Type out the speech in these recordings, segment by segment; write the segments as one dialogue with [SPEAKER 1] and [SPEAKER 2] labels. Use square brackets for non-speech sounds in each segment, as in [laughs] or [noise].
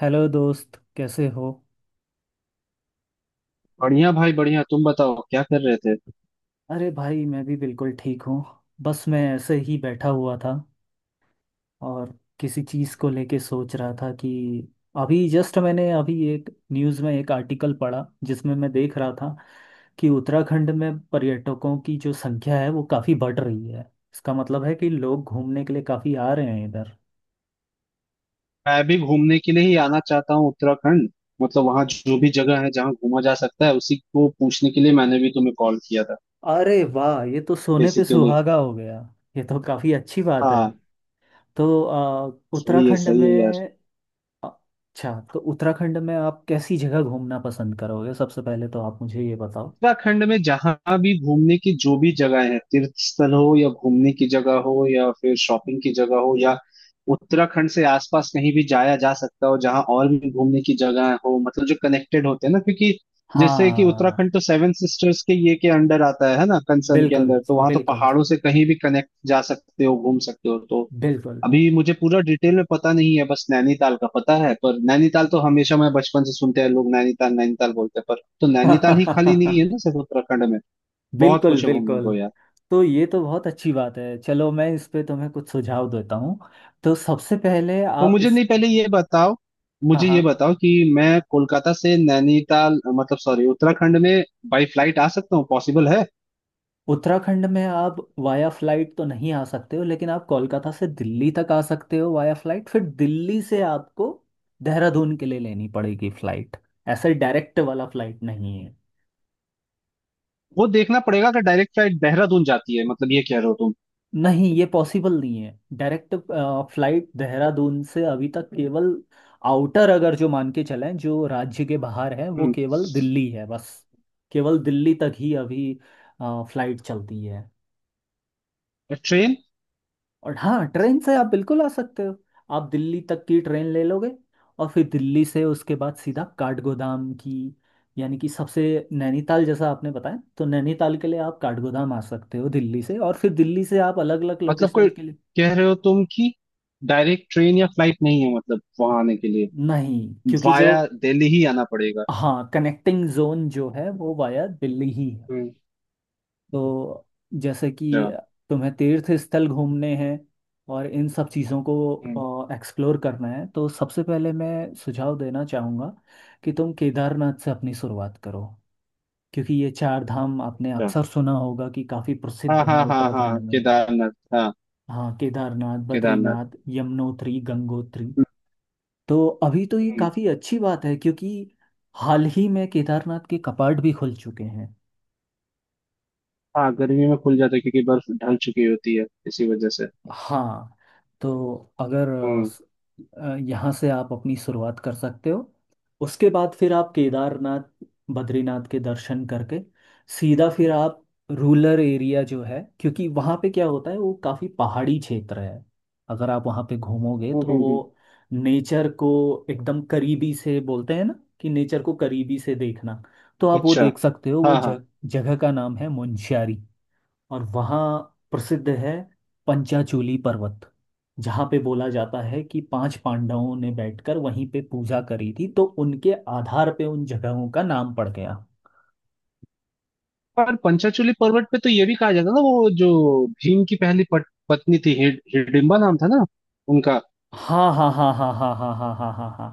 [SPEAKER 1] Hello दोस्त, कैसे हो।
[SPEAKER 2] बढ़िया भाई बढ़िया। तुम बताओ क्या कर रहे थे।
[SPEAKER 1] अरे भाई, मैं भी बिल्कुल ठीक हूँ। बस मैं ऐसे ही बैठा हुआ था और किसी चीज़ को लेके सोच रहा था कि अभी जस्ट मैंने अभी एक न्यूज़ में एक आर्टिकल पढ़ा जिसमें मैं देख रहा था कि उत्तराखंड में पर्यटकों की जो संख्या है वो काफ़ी बढ़ रही है। इसका मतलब है कि लोग घूमने के लिए काफ़ी आ रहे हैं इधर।
[SPEAKER 2] मैं भी घूमने के लिए ही आना चाहता हूँ उत्तराखंड। मतलब वहां जो भी जगह है जहाँ घूमा जा सकता है उसी को पूछने के लिए मैंने भी तुम्हें कॉल किया था।
[SPEAKER 1] अरे वाह, ये तो सोने पे
[SPEAKER 2] बेसिकली।
[SPEAKER 1] सुहागा हो गया। ये तो काफ़ी अच्छी बात है।
[SPEAKER 2] हाँ।
[SPEAKER 1] तो उत्तराखंड
[SPEAKER 2] सही है यार।
[SPEAKER 1] में। अच्छा, तो उत्तराखंड में आप कैसी जगह घूमना पसंद करोगे, सबसे पहले तो आप मुझे ये बताओ।
[SPEAKER 2] उत्तराखंड में जहां भी घूमने की जो भी जगह है, तीर्थ स्थल हो या घूमने की जगह हो या फिर शॉपिंग की जगह हो, या उत्तराखंड से आसपास कहीं भी जाया जा सकता हो जहां और भी घूमने की जगह हो, मतलब जो कनेक्टेड होते हैं ना, क्योंकि जैसे कि
[SPEAKER 1] हाँ,
[SPEAKER 2] उत्तराखंड तो सेवन सिस्टर्स के ये के अंडर आता है ना, कंसर्न के
[SPEAKER 1] बिल्कुल
[SPEAKER 2] अंदर, तो वहां तो
[SPEAKER 1] बिल्कुल
[SPEAKER 2] पहाड़ों से कहीं भी कनेक्ट जा सकते हो, घूम सकते हो तो।
[SPEAKER 1] बिल्कुल।
[SPEAKER 2] अभी मुझे पूरा डिटेल में पता नहीं है, बस नैनीताल का पता है। पर नैनीताल तो हमेशा, मैं बचपन से सुनते हैं लोग नैनीताल नैनीताल बोलते हैं, पर तो नैनीताल ही खाली
[SPEAKER 1] [laughs]
[SPEAKER 2] नहीं है ना सिर्फ उत्तराखंड में। बहुत
[SPEAKER 1] बिल्कुल
[SPEAKER 2] कुछ है घूमने
[SPEAKER 1] बिल्कुल।
[SPEAKER 2] को यार।
[SPEAKER 1] तो ये तो बहुत अच्छी बात है। चलो मैं इस पे तुम्हें कुछ सुझाव देता हूँ। तो सबसे पहले
[SPEAKER 2] तो
[SPEAKER 1] आप
[SPEAKER 2] मुझे,
[SPEAKER 1] इस,
[SPEAKER 2] नहीं, पहले ये बताओ।
[SPEAKER 1] हाँ
[SPEAKER 2] मुझे ये
[SPEAKER 1] हाँ।
[SPEAKER 2] बताओ कि मैं कोलकाता से नैनीताल, मतलब सॉरी, उत्तराखंड में बाई फ्लाइट आ सकता हूँ? पॉसिबल है?
[SPEAKER 1] उत्तराखंड में आप वाया फ्लाइट तो नहीं आ सकते हो, लेकिन आप कोलकाता से दिल्ली तक आ सकते हो वाया फ्लाइट, फिर दिल्ली से आपको देहरादून के लिए लेनी पड़ेगी फ्लाइट। ऐसे डायरेक्ट वाला फ्लाइट नहीं है।
[SPEAKER 2] वो देखना पड़ेगा कि डायरेक्ट फ्लाइट देहरादून जाती है, मतलब ये कह रहे हो तुम?
[SPEAKER 1] नहीं, ये पॉसिबल नहीं है। डायरेक्ट फ्लाइट देहरादून से अभी तक केवल आउटर, अगर जो मान के चलें, जो राज्य के बाहर है वो
[SPEAKER 2] हम्म।
[SPEAKER 1] केवल दिल्ली है बस। केवल दिल्ली तक ही अभी फ्लाइट चलती है।
[SPEAKER 2] ट्रेन।
[SPEAKER 1] और हाँ, ट्रेन से आप बिल्कुल आ सकते हो। आप दिल्ली तक की ट्रेन ले लोगे, और फिर दिल्ली से उसके बाद सीधा काठगोदाम की, यानी कि सबसे, नैनीताल जैसा आपने बताया, तो नैनीताल के लिए आप काठगोदाम आ सकते हो दिल्ली से, और फिर दिल्ली से आप अलग अलग
[SPEAKER 2] मतलब
[SPEAKER 1] लोकेशन
[SPEAKER 2] कोई
[SPEAKER 1] के लिए।
[SPEAKER 2] कह रहे हो तुम कि डायरेक्ट ट्रेन या फ्लाइट नहीं है मतलब वहां आने के लिए?
[SPEAKER 1] नहीं, क्योंकि जो,
[SPEAKER 2] वाया दिल्ली ही आना पड़ेगा?
[SPEAKER 1] हाँ, कनेक्टिंग जोन जो है वो वाया दिल्ली ही।
[SPEAKER 2] हम्म।
[SPEAKER 1] तो जैसे
[SPEAKER 2] अच्छा।
[SPEAKER 1] कि तुम्हें तीर्थ स्थल घूमने हैं और इन सब चीज़ों
[SPEAKER 2] हम्म।
[SPEAKER 1] को एक्सप्लोर करना है, तो सबसे पहले मैं सुझाव देना चाहूँगा कि तुम केदारनाथ से अपनी शुरुआत करो। क्योंकि ये चार धाम आपने
[SPEAKER 2] अच्छा।
[SPEAKER 1] अक्सर सुना होगा कि काफ़ी प्रसिद्ध
[SPEAKER 2] हाँ
[SPEAKER 1] हैं
[SPEAKER 2] हाँ हाँ
[SPEAKER 1] उत्तराखंड
[SPEAKER 2] हाँ,
[SPEAKER 1] में।
[SPEAKER 2] केदारनाथ हाँ।
[SPEAKER 1] हाँ, केदारनाथ,
[SPEAKER 2] केदारनाथ।
[SPEAKER 1] बद्रीनाथ, यमुनोत्री, गंगोत्री।
[SPEAKER 2] हम्म।
[SPEAKER 1] तो अभी तो ये
[SPEAKER 2] हम्म,
[SPEAKER 1] काफ़ी अच्छी बात है क्योंकि हाल ही में केदारनाथ के कपाट भी खुल चुके हैं।
[SPEAKER 2] हाँ, गर्मी में खुल जाता है क्योंकि बर्फ ढल चुकी होती है इसी वजह से।
[SPEAKER 1] हाँ, तो अगर
[SPEAKER 2] हम्म
[SPEAKER 1] यहाँ से आप अपनी शुरुआत कर सकते हो। उसके बाद फिर आप केदारनाथ बद्रीनाथ के दर्शन करके सीधा फिर आप रूरल एरिया जो है क्योंकि वहाँ पे क्या होता है, वो काफ़ी पहाड़ी क्षेत्र है। अगर आप वहाँ पे घूमोगे
[SPEAKER 2] हम्म,
[SPEAKER 1] तो
[SPEAKER 2] हम्म। हम्म।
[SPEAKER 1] वो नेचर को एकदम करीबी से, बोलते हैं ना कि नेचर को करीबी से देखना, तो आप वो
[SPEAKER 2] अच्छा।
[SPEAKER 1] देख सकते हो। वो
[SPEAKER 2] हाँ हाँ।
[SPEAKER 1] जगह का नाम है मुंशियारी। और वहाँ प्रसिद्ध है पंचाचूली पर्वत, जहाँ पे बोला जाता है कि पांच पांडवों ने बैठकर वहीं पे पूजा करी थी, तो उनके आधार पे उन जगहों का नाम पड़ गया।
[SPEAKER 2] पर पंचाचूली पर्वत पे तो ये भी कहा जाता है ना, वो जो भीम की पहली पत्नी थी, हिडिंबा नाम था ना उनका।
[SPEAKER 1] हाँ हाँ हाँ हाँ हाँ हाँ हाँ हाँ हाँ हाँ।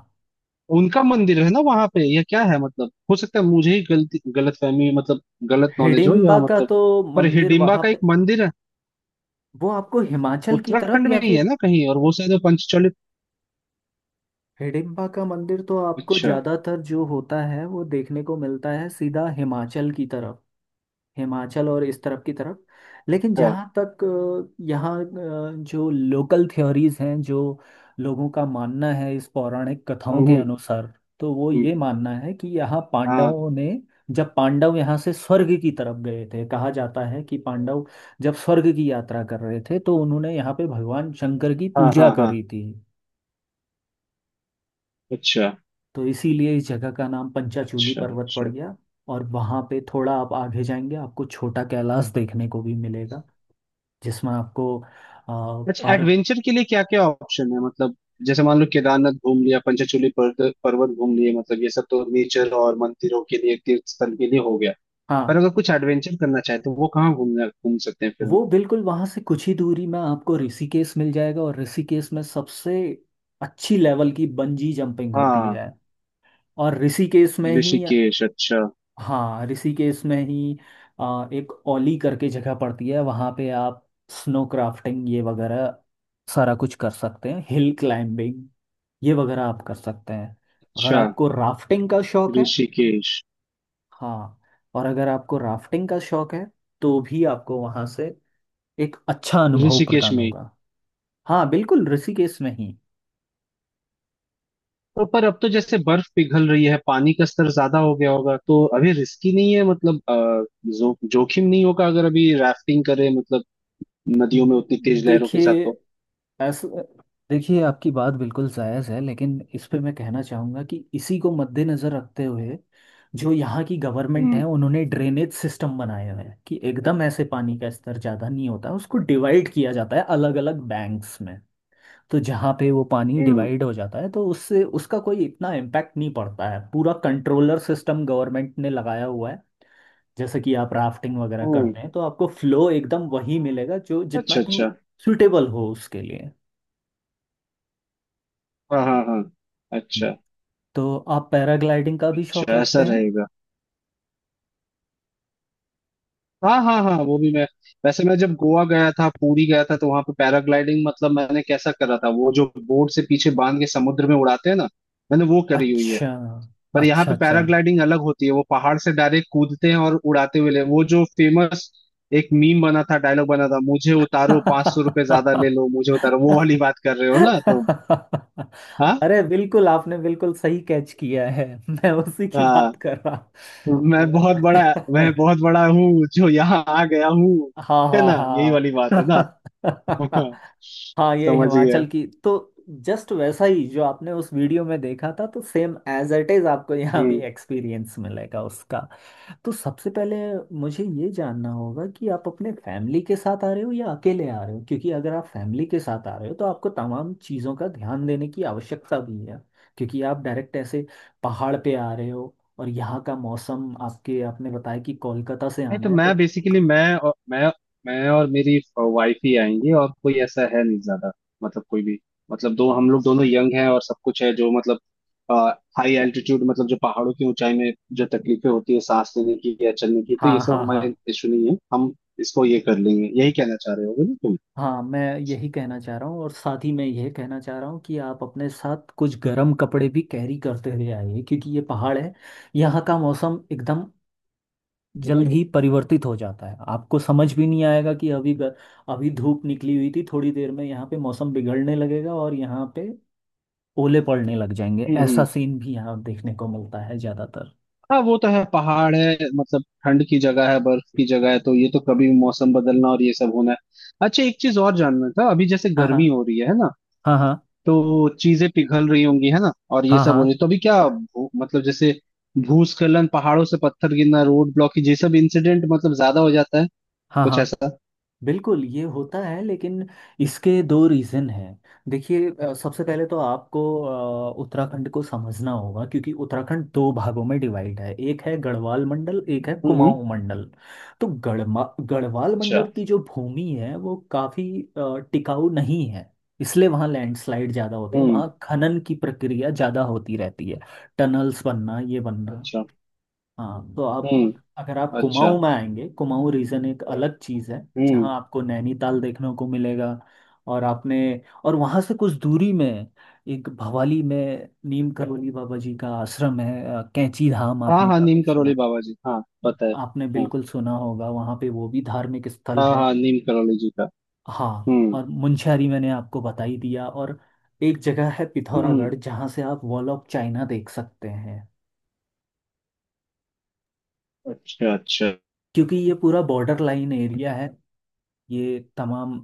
[SPEAKER 2] उनका मंदिर है ना वहां पे, या क्या है? मतलब हो सकता है मुझे ही गलत फहमी, मतलब गलत नॉलेज हो,
[SPEAKER 1] हिडिम्बा
[SPEAKER 2] या
[SPEAKER 1] का
[SPEAKER 2] मतलब
[SPEAKER 1] तो
[SPEAKER 2] पर
[SPEAKER 1] मंदिर
[SPEAKER 2] हिडिंबा
[SPEAKER 1] वहाँ
[SPEAKER 2] का एक
[SPEAKER 1] पे,
[SPEAKER 2] मंदिर है
[SPEAKER 1] वो आपको हिमाचल की तरफ
[SPEAKER 2] उत्तराखंड
[SPEAKER 1] या
[SPEAKER 2] में ही है
[SPEAKER 1] फिर,
[SPEAKER 2] ना कहीं, और वो शायद वो पंचचलित।
[SPEAKER 1] हिडिम्बा का मंदिर तो आपको
[SPEAKER 2] अच्छा
[SPEAKER 1] ज्यादातर जो होता है वो देखने को मिलता है सीधा हिमाचल की तरफ। हिमाचल और इस तरफ की तरफ। लेकिन
[SPEAKER 2] अच्छा।
[SPEAKER 1] जहाँ तक यहाँ, जो लोकल थ्योरीज हैं, जो लोगों का मानना है इस पौराणिक कथाओं के
[SPEAKER 2] हम्म,
[SPEAKER 1] अनुसार, तो वो
[SPEAKER 2] हम्म,
[SPEAKER 1] ये मानना है कि यहाँ
[SPEAKER 2] हाँ
[SPEAKER 1] पांडवों ने, जब पांडव यहाँ से स्वर्ग की तरफ गए थे, कहा जाता है कि पांडव जब स्वर्ग की यात्रा कर रहे थे तो उन्होंने यहाँ पे भगवान शंकर की
[SPEAKER 2] हाँ
[SPEAKER 1] पूजा
[SPEAKER 2] हाँ हाँ।
[SPEAKER 1] करी थी।
[SPEAKER 2] अच्छा
[SPEAKER 1] तो इसीलिए इस जगह का नाम पंचाचूली
[SPEAKER 2] अच्छा
[SPEAKER 1] पर्वत पड़
[SPEAKER 2] अच्छा।
[SPEAKER 1] गया। और वहाँ पे थोड़ा आप आगे जाएंगे, आपको छोटा कैलाश देखने को भी मिलेगा, जिसमें आपको
[SPEAKER 2] अच्छा,
[SPEAKER 1] और
[SPEAKER 2] एडवेंचर के लिए क्या क्या ऑप्शन है मतलब? जैसे मान लो केदारनाथ घूम लिया, पंचचूली पर्वत पर्वत घूम लिए, मतलब ये सब तो नेचर और मंदिरों के लिए, तीर्थ स्थल के लिए हो गया। पर
[SPEAKER 1] हाँ,
[SPEAKER 2] अगर कुछ एडवेंचर करना चाहे तो वो कहाँ घूम सकते हैं फिर हम?
[SPEAKER 1] वो बिल्कुल वहाँ से कुछ ही दूरी में आपको ऋषिकेश मिल जाएगा। और ऋषिकेश में सबसे अच्छी लेवल की बंजी जंपिंग होती
[SPEAKER 2] हाँ।
[SPEAKER 1] है। और ऋषिकेश में ही,
[SPEAKER 2] ऋषिकेश, अच्छा
[SPEAKER 1] हाँ, ऋषिकेश में ही एक ओली करके जगह पड़ती है, वहाँ पे आप स्नो क्राफ्टिंग ये वगैरह सारा कुछ कर सकते हैं। हिल क्लाइंबिंग ये वगैरह आप कर सकते हैं। अगर
[SPEAKER 2] अच्छा।
[SPEAKER 1] आपको राफ्टिंग का शौक है, तो
[SPEAKER 2] ऋषिकेश।
[SPEAKER 1] हाँ, और अगर आपको राफ्टिंग का शौक है तो भी आपको वहाँ से एक अच्छा अनुभव
[SPEAKER 2] ऋषिकेश
[SPEAKER 1] प्रदान
[SPEAKER 2] में?
[SPEAKER 1] होगा। हाँ, बिल्कुल ऋषिकेश में ही।
[SPEAKER 2] तो पर अब तो जैसे बर्फ पिघल रही है, पानी का स्तर ज्यादा हो गया होगा, तो अभी रिस्की नहीं है मतलब, जोखिम नहीं होगा अगर अभी राफ्टिंग करें, मतलब नदियों में उतनी तेज लहरों के साथ
[SPEAKER 1] देखिए,
[SPEAKER 2] तो?
[SPEAKER 1] ऐसा, देखिए आपकी बात बिल्कुल जायज़ है, लेकिन इस पे मैं कहना चाहूँगा कि इसी को मद्देनज़र रखते हुए जो यहाँ की गवर्नमेंट
[SPEAKER 2] हम्म
[SPEAKER 1] है, उन्होंने ड्रेनेज सिस्टम बनाए हुए हैं कि एकदम ऐसे पानी का स्तर ज़्यादा नहीं होता, उसको डिवाइड किया जाता है अलग अलग बैंक्स में। तो जहाँ पे वो पानी
[SPEAKER 2] हम्म।
[SPEAKER 1] डिवाइड हो जाता है तो उससे उसका कोई इतना इम्पैक्ट नहीं पड़ता है। पूरा कंट्रोलर सिस्टम गवर्नमेंट ने लगाया हुआ है। जैसे कि आप राफ्टिंग वगैरह
[SPEAKER 2] हम्म।
[SPEAKER 1] करते हैं तो आपको फ्लो एकदम वही मिलेगा जो जितना
[SPEAKER 2] अच्छा अच्छा।
[SPEAKER 1] कि सुटेबल हो उसके लिए।
[SPEAKER 2] हाँ हाँ हाँ। अच्छा।
[SPEAKER 1] तो आप पैराग्लाइडिंग का भी शौक
[SPEAKER 2] अच्छा, ऐसा
[SPEAKER 1] रखते हैं।
[SPEAKER 2] रहेगा। हाँ हाँ हाँ, वो भी मैं, वैसे मैं जब गोवा गया था, पुरी गया था, तो वहां पे पैराग्लाइडिंग, मतलब मैंने कैसा करा था, वो जो बोर्ड से पीछे बांध के समुद्र में उड़ाते हैं ना, मैंने वो करी हुई है।
[SPEAKER 1] अच्छा
[SPEAKER 2] पर यहाँ
[SPEAKER 1] अच्छा
[SPEAKER 2] पे
[SPEAKER 1] अच्छा।
[SPEAKER 2] पैराग्लाइडिंग अलग होती है, वो पहाड़ से डायरेक्ट कूदते हैं और उड़ाते हुए ले, वो जो फेमस एक मीम बना था, डायलॉग बना था, मुझे उतारो, 500 रुपए ज्यादा ले लो मुझे उतारो, वो वाली बात कर रहे हो ना तुम? हाँ।
[SPEAKER 1] अरे बिल्कुल, आपने बिल्कुल सही कैच किया है, मैं उसी की बात
[SPEAKER 2] हाँ,
[SPEAKER 1] कर रहा
[SPEAKER 2] मैं
[SPEAKER 1] हूँ
[SPEAKER 2] बहुत बड़ा मैं बहुत बड़ा हूँ जो यहाँ आ गया हूँ,
[SPEAKER 1] हाँ
[SPEAKER 2] है
[SPEAKER 1] हाँ
[SPEAKER 2] ना यही
[SPEAKER 1] हाँ।
[SPEAKER 2] वाली बात है ना? हाँ।
[SPEAKER 1] हाँ, ये
[SPEAKER 2] समझ गया।
[SPEAKER 1] हिमाचल की तो जस्ट वैसा ही जो आपने उस वीडियो में देखा था, तो सेम एज इट इज आपको यहाँ भी
[SPEAKER 2] हम्म।
[SPEAKER 1] एक्सपीरियंस मिलेगा उसका। तो सबसे पहले मुझे ये जानना होगा कि आप अपने फैमिली के साथ आ रहे हो या अकेले आ रहे हो, क्योंकि अगर आप फैमिली के साथ आ रहे हो तो आपको तमाम चीज़ों का ध्यान देने की आवश्यकता भी है। क्योंकि आप डायरेक्ट ऐसे पहाड़ पे आ रहे हो और यहाँ का मौसम, आपके आपने बताया कि कोलकाता से
[SPEAKER 2] नहीं
[SPEAKER 1] आना
[SPEAKER 2] तो
[SPEAKER 1] है,
[SPEAKER 2] मैं
[SPEAKER 1] तो
[SPEAKER 2] बेसिकली, मैं और मेरी वाइफ ही आएंगी, और कोई ऐसा है नहीं ज्यादा, मतलब कोई भी, मतलब दो। हम लोग दोनों यंग हैं और सब कुछ है जो, मतलब हाई एल्टीट्यूड मतलब जो पहाड़ों की ऊंचाई में जो तकलीफें होती है सांस लेने की या चलने की, तो ये
[SPEAKER 1] हाँ
[SPEAKER 2] सब
[SPEAKER 1] हाँ हाँ।
[SPEAKER 2] हमारे इशू नहीं है, हम इसको ये कर लेंगे, यही कहना चाह रहे होगे ना तुम?
[SPEAKER 1] हाँ मैं यही कहना चाह रहा हूँ, और साथ ही मैं यह कहना चाह रहा हूँ कि आप अपने साथ कुछ गर्म कपड़े भी कैरी करते हुए आइए, क्योंकि ये पहाड़ है, यहाँ का मौसम एकदम जल ही परिवर्तित हो जाता है। आपको समझ भी नहीं आएगा कि अभी धूप निकली हुई थी, थोड़ी देर में यहाँ पे मौसम बिगड़ने लगेगा और यहाँ पे ओले पड़ने लग जाएंगे।
[SPEAKER 2] हम्म
[SPEAKER 1] ऐसा
[SPEAKER 2] हम्म।
[SPEAKER 1] सीन भी यहाँ देखने को मिलता है ज्यादातर।
[SPEAKER 2] हाँ वो तो है, पहाड़ है मतलब, ठंड की जगह है, बर्फ की जगह है, तो ये तो कभी भी मौसम बदलना और ये सब होना है। अच्छा, एक चीज और जानना था, अभी जैसे
[SPEAKER 1] हाँ
[SPEAKER 2] गर्मी
[SPEAKER 1] हाँ
[SPEAKER 2] हो रही है ना,
[SPEAKER 1] हाँ हाँ
[SPEAKER 2] तो चीजें पिघल रही होंगी है ना, और ये
[SPEAKER 1] हाँ हाँ
[SPEAKER 2] सब हो रही,
[SPEAKER 1] हाँ
[SPEAKER 2] तो अभी क्या मतलब जैसे भूस्खलन, पहाड़ों से पत्थर गिरना, रोड ब्लॉक, ये सब इंसिडेंट मतलब ज्यादा हो जाता है,
[SPEAKER 1] हाँ
[SPEAKER 2] कुछ
[SPEAKER 1] हाँ,
[SPEAKER 2] ऐसा?
[SPEAKER 1] बिल्कुल ये होता है। लेकिन इसके दो रीज़न हैं। देखिए, सबसे पहले तो आपको उत्तराखंड को समझना होगा। क्योंकि उत्तराखंड दो भागों में डिवाइड है, एक है गढ़वाल मंडल, एक है
[SPEAKER 2] हम्म।
[SPEAKER 1] कुमाऊं मंडल। तो गढ़मा गढ़वाल
[SPEAKER 2] अच्छा।
[SPEAKER 1] मंडल की जो भूमि है वो काफ़ी टिकाऊ नहीं है, इसलिए वहाँ लैंडस्लाइड ज़्यादा होते हैं।
[SPEAKER 2] हम्म।
[SPEAKER 1] वहाँ खनन की प्रक्रिया ज़्यादा होती रहती है, टनल्स बनना, ये बनना।
[SPEAKER 2] अच्छा।
[SPEAKER 1] हाँ, तो आप
[SPEAKER 2] हम्म।
[SPEAKER 1] अगर आप
[SPEAKER 2] अच्छा।
[SPEAKER 1] कुमाऊं में आएंगे, कुमाऊं रीजन एक अलग चीज़ है,
[SPEAKER 2] हम्म।
[SPEAKER 1] जहाँ आपको नैनीताल देखने को मिलेगा। और आपने, और वहाँ से कुछ दूरी में एक भवाली में नीम करौली बाबा जी का आश्रम है, कैंची धाम
[SPEAKER 2] हाँ
[SPEAKER 1] आपने
[SPEAKER 2] हाँ, नीम
[SPEAKER 1] काफी
[SPEAKER 2] करोली
[SPEAKER 1] सुना,
[SPEAKER 2] बाबा जी, हाँ पता है।
[SPEAKER 1] आपने
[SPEAKER 2] हाँ
[SPEAKER 1] बिल्कुल सुना होगा, वहाँ पे वो भी धार्मिक स्थल
[SPEAKER 2] हाँ
[SPEAKER 1] है।
[SPEAKER 2] हाँ, नीम करोली जी का।
[SPEAKER 1] हाँ,
[SPEAKER 2] हम्म
[SPEAKER 1] और मुंशियारी मैंने आपको बता ही दिया। और एक जगह है
[SPEAKER 2] हम्म।
[SPEAKER 1] पिथौरागढ़, जहाँ से आप वॉल ऑफ चाइना देख सकते हैं,
[SPEAKER 2] अच्छा अच्छा
[SPEAKER 1] क्योंकि ये पूरा बॉर्डर लाइन एरिया है। ये तमाम,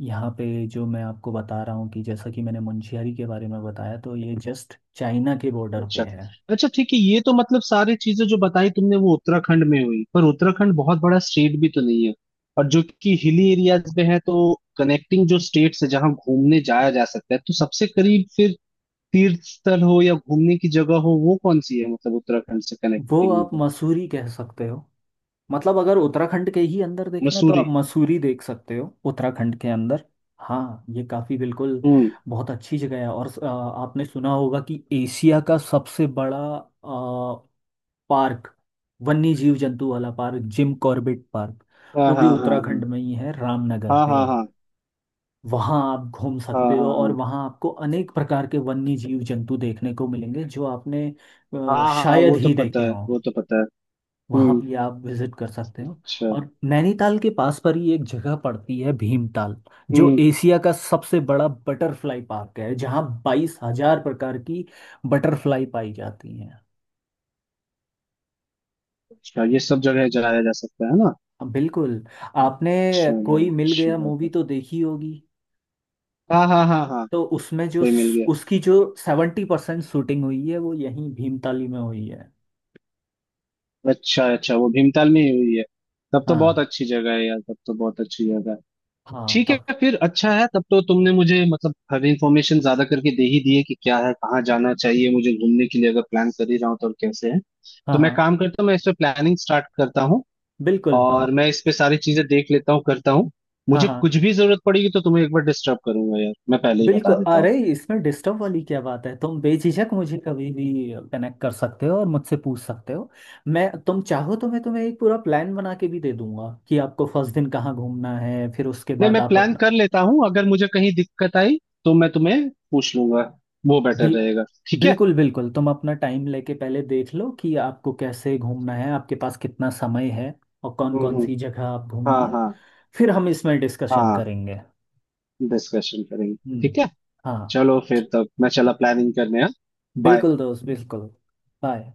[SPEAKER 1] यहाँ पे जो मैं आपको बता रहा हूँ कि जैसा कि मैंने मुंशियारी के बारे में बताया, तो ये जस्ट चाइना के बॉर्डर पे
[SPEAKER 2] अच्छा।
[SPEAKER 1] है।
[SPEAKER 2] अच्छा ठीक है, ये तो मतलब सारी चीजें जो बताई तुमने वो उत्तराखंड में हुई, पर उत्तराखंड बहुत बड़ा स्टेट भी तो नहीं है, और जो कि हिली एरियाज में है, तो कनेक्टिंग जो स्टेट्स है जहाँ घूमने जाया जा सकता है, तो सबसे करीब फिर तीर्थ स्थल हो या घूमने की जगह हो वो कौन सी है, मतलब उत्तराखंड से
[SPEAKER 1] वो
[SPEAKER 2] कनेक्टिंग
[SPEAKER 1] आप
[SPEAKER 2] में?
[SPEAKER 1] मसूरी कह सकते हो। मतलब अगर उत्तराखंड के ही अंदर देखना है तो
[SPEAKER 2] मसूरी।
[SPEAKER 1] आप मसूरी देख सकते हो उत्तराखंड के अंदर। हाँ, ये काफ़ी बिल्कुल
[SPEAKER 2] हम्म।
[SPEAKER 1] बहुत अच्छी जगह है। और आपने सुना होगा कि एशिया का सबसे बड़ा अ, पार्क, वन्य जीव जंतु वाला पार्क, जिम कॉर्बेट पार्क,
[SPEAKER 2] हाँ
[SPEAKER 1] वो भी
[SPEAKER 2] हाँ हाँ
[SPEAKER 1] उत्तराखंड में ही है, रामनगर
[SPEAKER 2] हाँ
[SPEAKER 1] पे
[SPEAKER 2] हाँ
[SPEAKER 1] है।
[SPEAKER 2] हाँ
[SPEAKER 1] वहाँ आप घूम
[SPEAKER 2] हाँ
[SPEAKER 1] सकते हो
[SPEAKER 2] हाँ
[SPEAKER 1] और
[SPEAKER 2] हाँ
[SPEAKER 1] वहाँ आपको अनेक प्रकार के वन्य जीव जंतु देखने को मिलेंगे जो आपने
[SPEAKER 2] हाँ। हाँ हाँ,
[SPEAKER 1] शायद
[SPEAKER 2] वो तो
[SPEAKER 1] ही
[SPEAKER 2] पता
[SPEAKER 1] देखे
[SPEAKER 2] है,
[SPEAKER 1] हों।
[SPEAKER 2] वो तो पता है।
[SPEAKER 1] वहाँ
[SPEAKER 2] हम्म।
[SPEAKER 1] भी आप विजिट कर सकते हो।
[SPEAKER 2] अच्छा।
[SPEAKER 1] और नैनीताल के पास पर ही एक जगह पड़ती है भीमताल, जो
[SPEAKER 2] हम्म।
[SPEAKER 1] एशिया का सबसे बड़ा बटरफ्लाई पार्क है, जहाँ 22,000 प्रकार की बटरफ्लाई पाई जाती हैं।
[SPEAKER 2] अच्छा, ये सब जगह जाया जा सकता है ना?
[SPEAKER 1] हाँ, बिल्कुल। आपने
[SPEAKER 2] चलो
[SPEAKER 1] कोई मिल
[SPEAKER 2] अच्छी
[SPEAKER 1] गया
[SPEAKER 2] बात
[SPEAKER 1] मूवी
[SPEAKER 2] है।
[SPEAKER 1] तो देखी होगी,
[SPEAKER 2] हाँ हाँ हाँ हाँ।
[SPEAKER 1] तो उसमें जो,
[SPEAKER 2] कोई मिल गया।
[SPEAKER 1] उसकी जो 70% शूटिंग हुई है वो यहीं भीमताली में हुई है।
[SPEAKER 2] अच्छा अच्छा, वो भीमताल में ही हुई है। तब तो बहुत
[SPEAKER 1] हाँ
[SPEAKER 2] अच्छी जगह है यार, तब तो बहुत अच्छी जगह है।
[SPEAKER 1] हाँ
[SPEAKER 2] ठीक है
[SPEAKER 1] तब।
[SPEAKER 2] फिर, अच्छा है, तब तो तुमने मुझे मतलब हर इंफॉर्मेशन ज्यादा करके दे ही दी है कि क्या है, कहाँ जाना चाहिए मुझे घूमने के लिए अगर प्लान कर ही रहा हूँ तो, और कैसे है।
[SPEAKER 1] हाँ
[SPEAKER 2] तो मैं
[SPEAKER 1] हाँ
[SPEAKER 2] काम करता हूँ, मैं इस पे प्लानिंग स्टार्ट करता हूँ,
[SPEAKER 1] बिल्कुल।
[SPEAKER 2] और मैं इस पे सारी चीजें देख लेता हूँ करता हूँ।
[SPEAKER 1] हाँ
[SPEAKER 2] मुझे
[SPEAKER 1] हाँ
[SPEAKER 2] कुछ भी जरूरत पड़ेगी तो तुम्हें एक बार डिस्टर्ब करूंगा यार, मैं पहले ही बता
[SPEAKER 1] बिल्कुल।
[SPEAKER 2] देता हूँ।
[SPEAKER 1] अरे, इसमें डिस्टर्ब वाली क्या बात है। तुम बेझिझक मुझे कभी भी कनेक्ट कर सकते हो और मुझसे पूछ सकते हो। मैं तुम चाहो तो मैं तुम्हें एक पूरा प्लान बना के भी दे दूंगा कि आपको फर्स्ट दिन कहाँ घूमना है, फिर उसके
[SPEAKER 2] नहीं
[SPEAKER 1] बाद
[SPEAKER 2] मैं
[SPEAKER 1] आप
[SPEAKER 2] प्लान
[SPEAKER 1] अपना,
[SPEAKER 2] कर लेता हूँ, अगर मुझे कहीं दिक्कत आई तो मैं तुम्हें पूछ लूंगा, वो बेटर
[SPEAKER 1] बिल
[SPEAKER 2] रहेगा। ठीक है।
[SPEAKER 1] बिल्कुल बिल्कुल। तुम अपना टाइम लेके पहले देख लो कि आपको कैसे घूमना है, आपके पास कितना समय है और कौन
[SPEAKER 2] हम्म
[SPEAKER 1] कौन
[SPEAKER 2] हम्म,
[SPEAKER 1] सी जगह आप घूमनी
[SPEAKER 2] हाँ
[SPEAKER 1] है।
[SPEAKER 2] हाँ
[SPEAKER 1] फिर हम इसमें डिस्कशन
[SPEAKER 2] हाँ।
[SPEAKER 1] करेंगे।
[SPEAKER 2] डिस्कशन करेंगे।
[SPEAKER 1] हम्म।
[SPEAKER 2] ठीक है।
[SPEAKER 1] हाँ,
[SPEAKER 2] चलो फिर, तब मैं चला प्लानिंग करने। हाँ। बाय।
[SPEAKER 1] बिल्कुल दोस्त, बिल्कुल। बाय।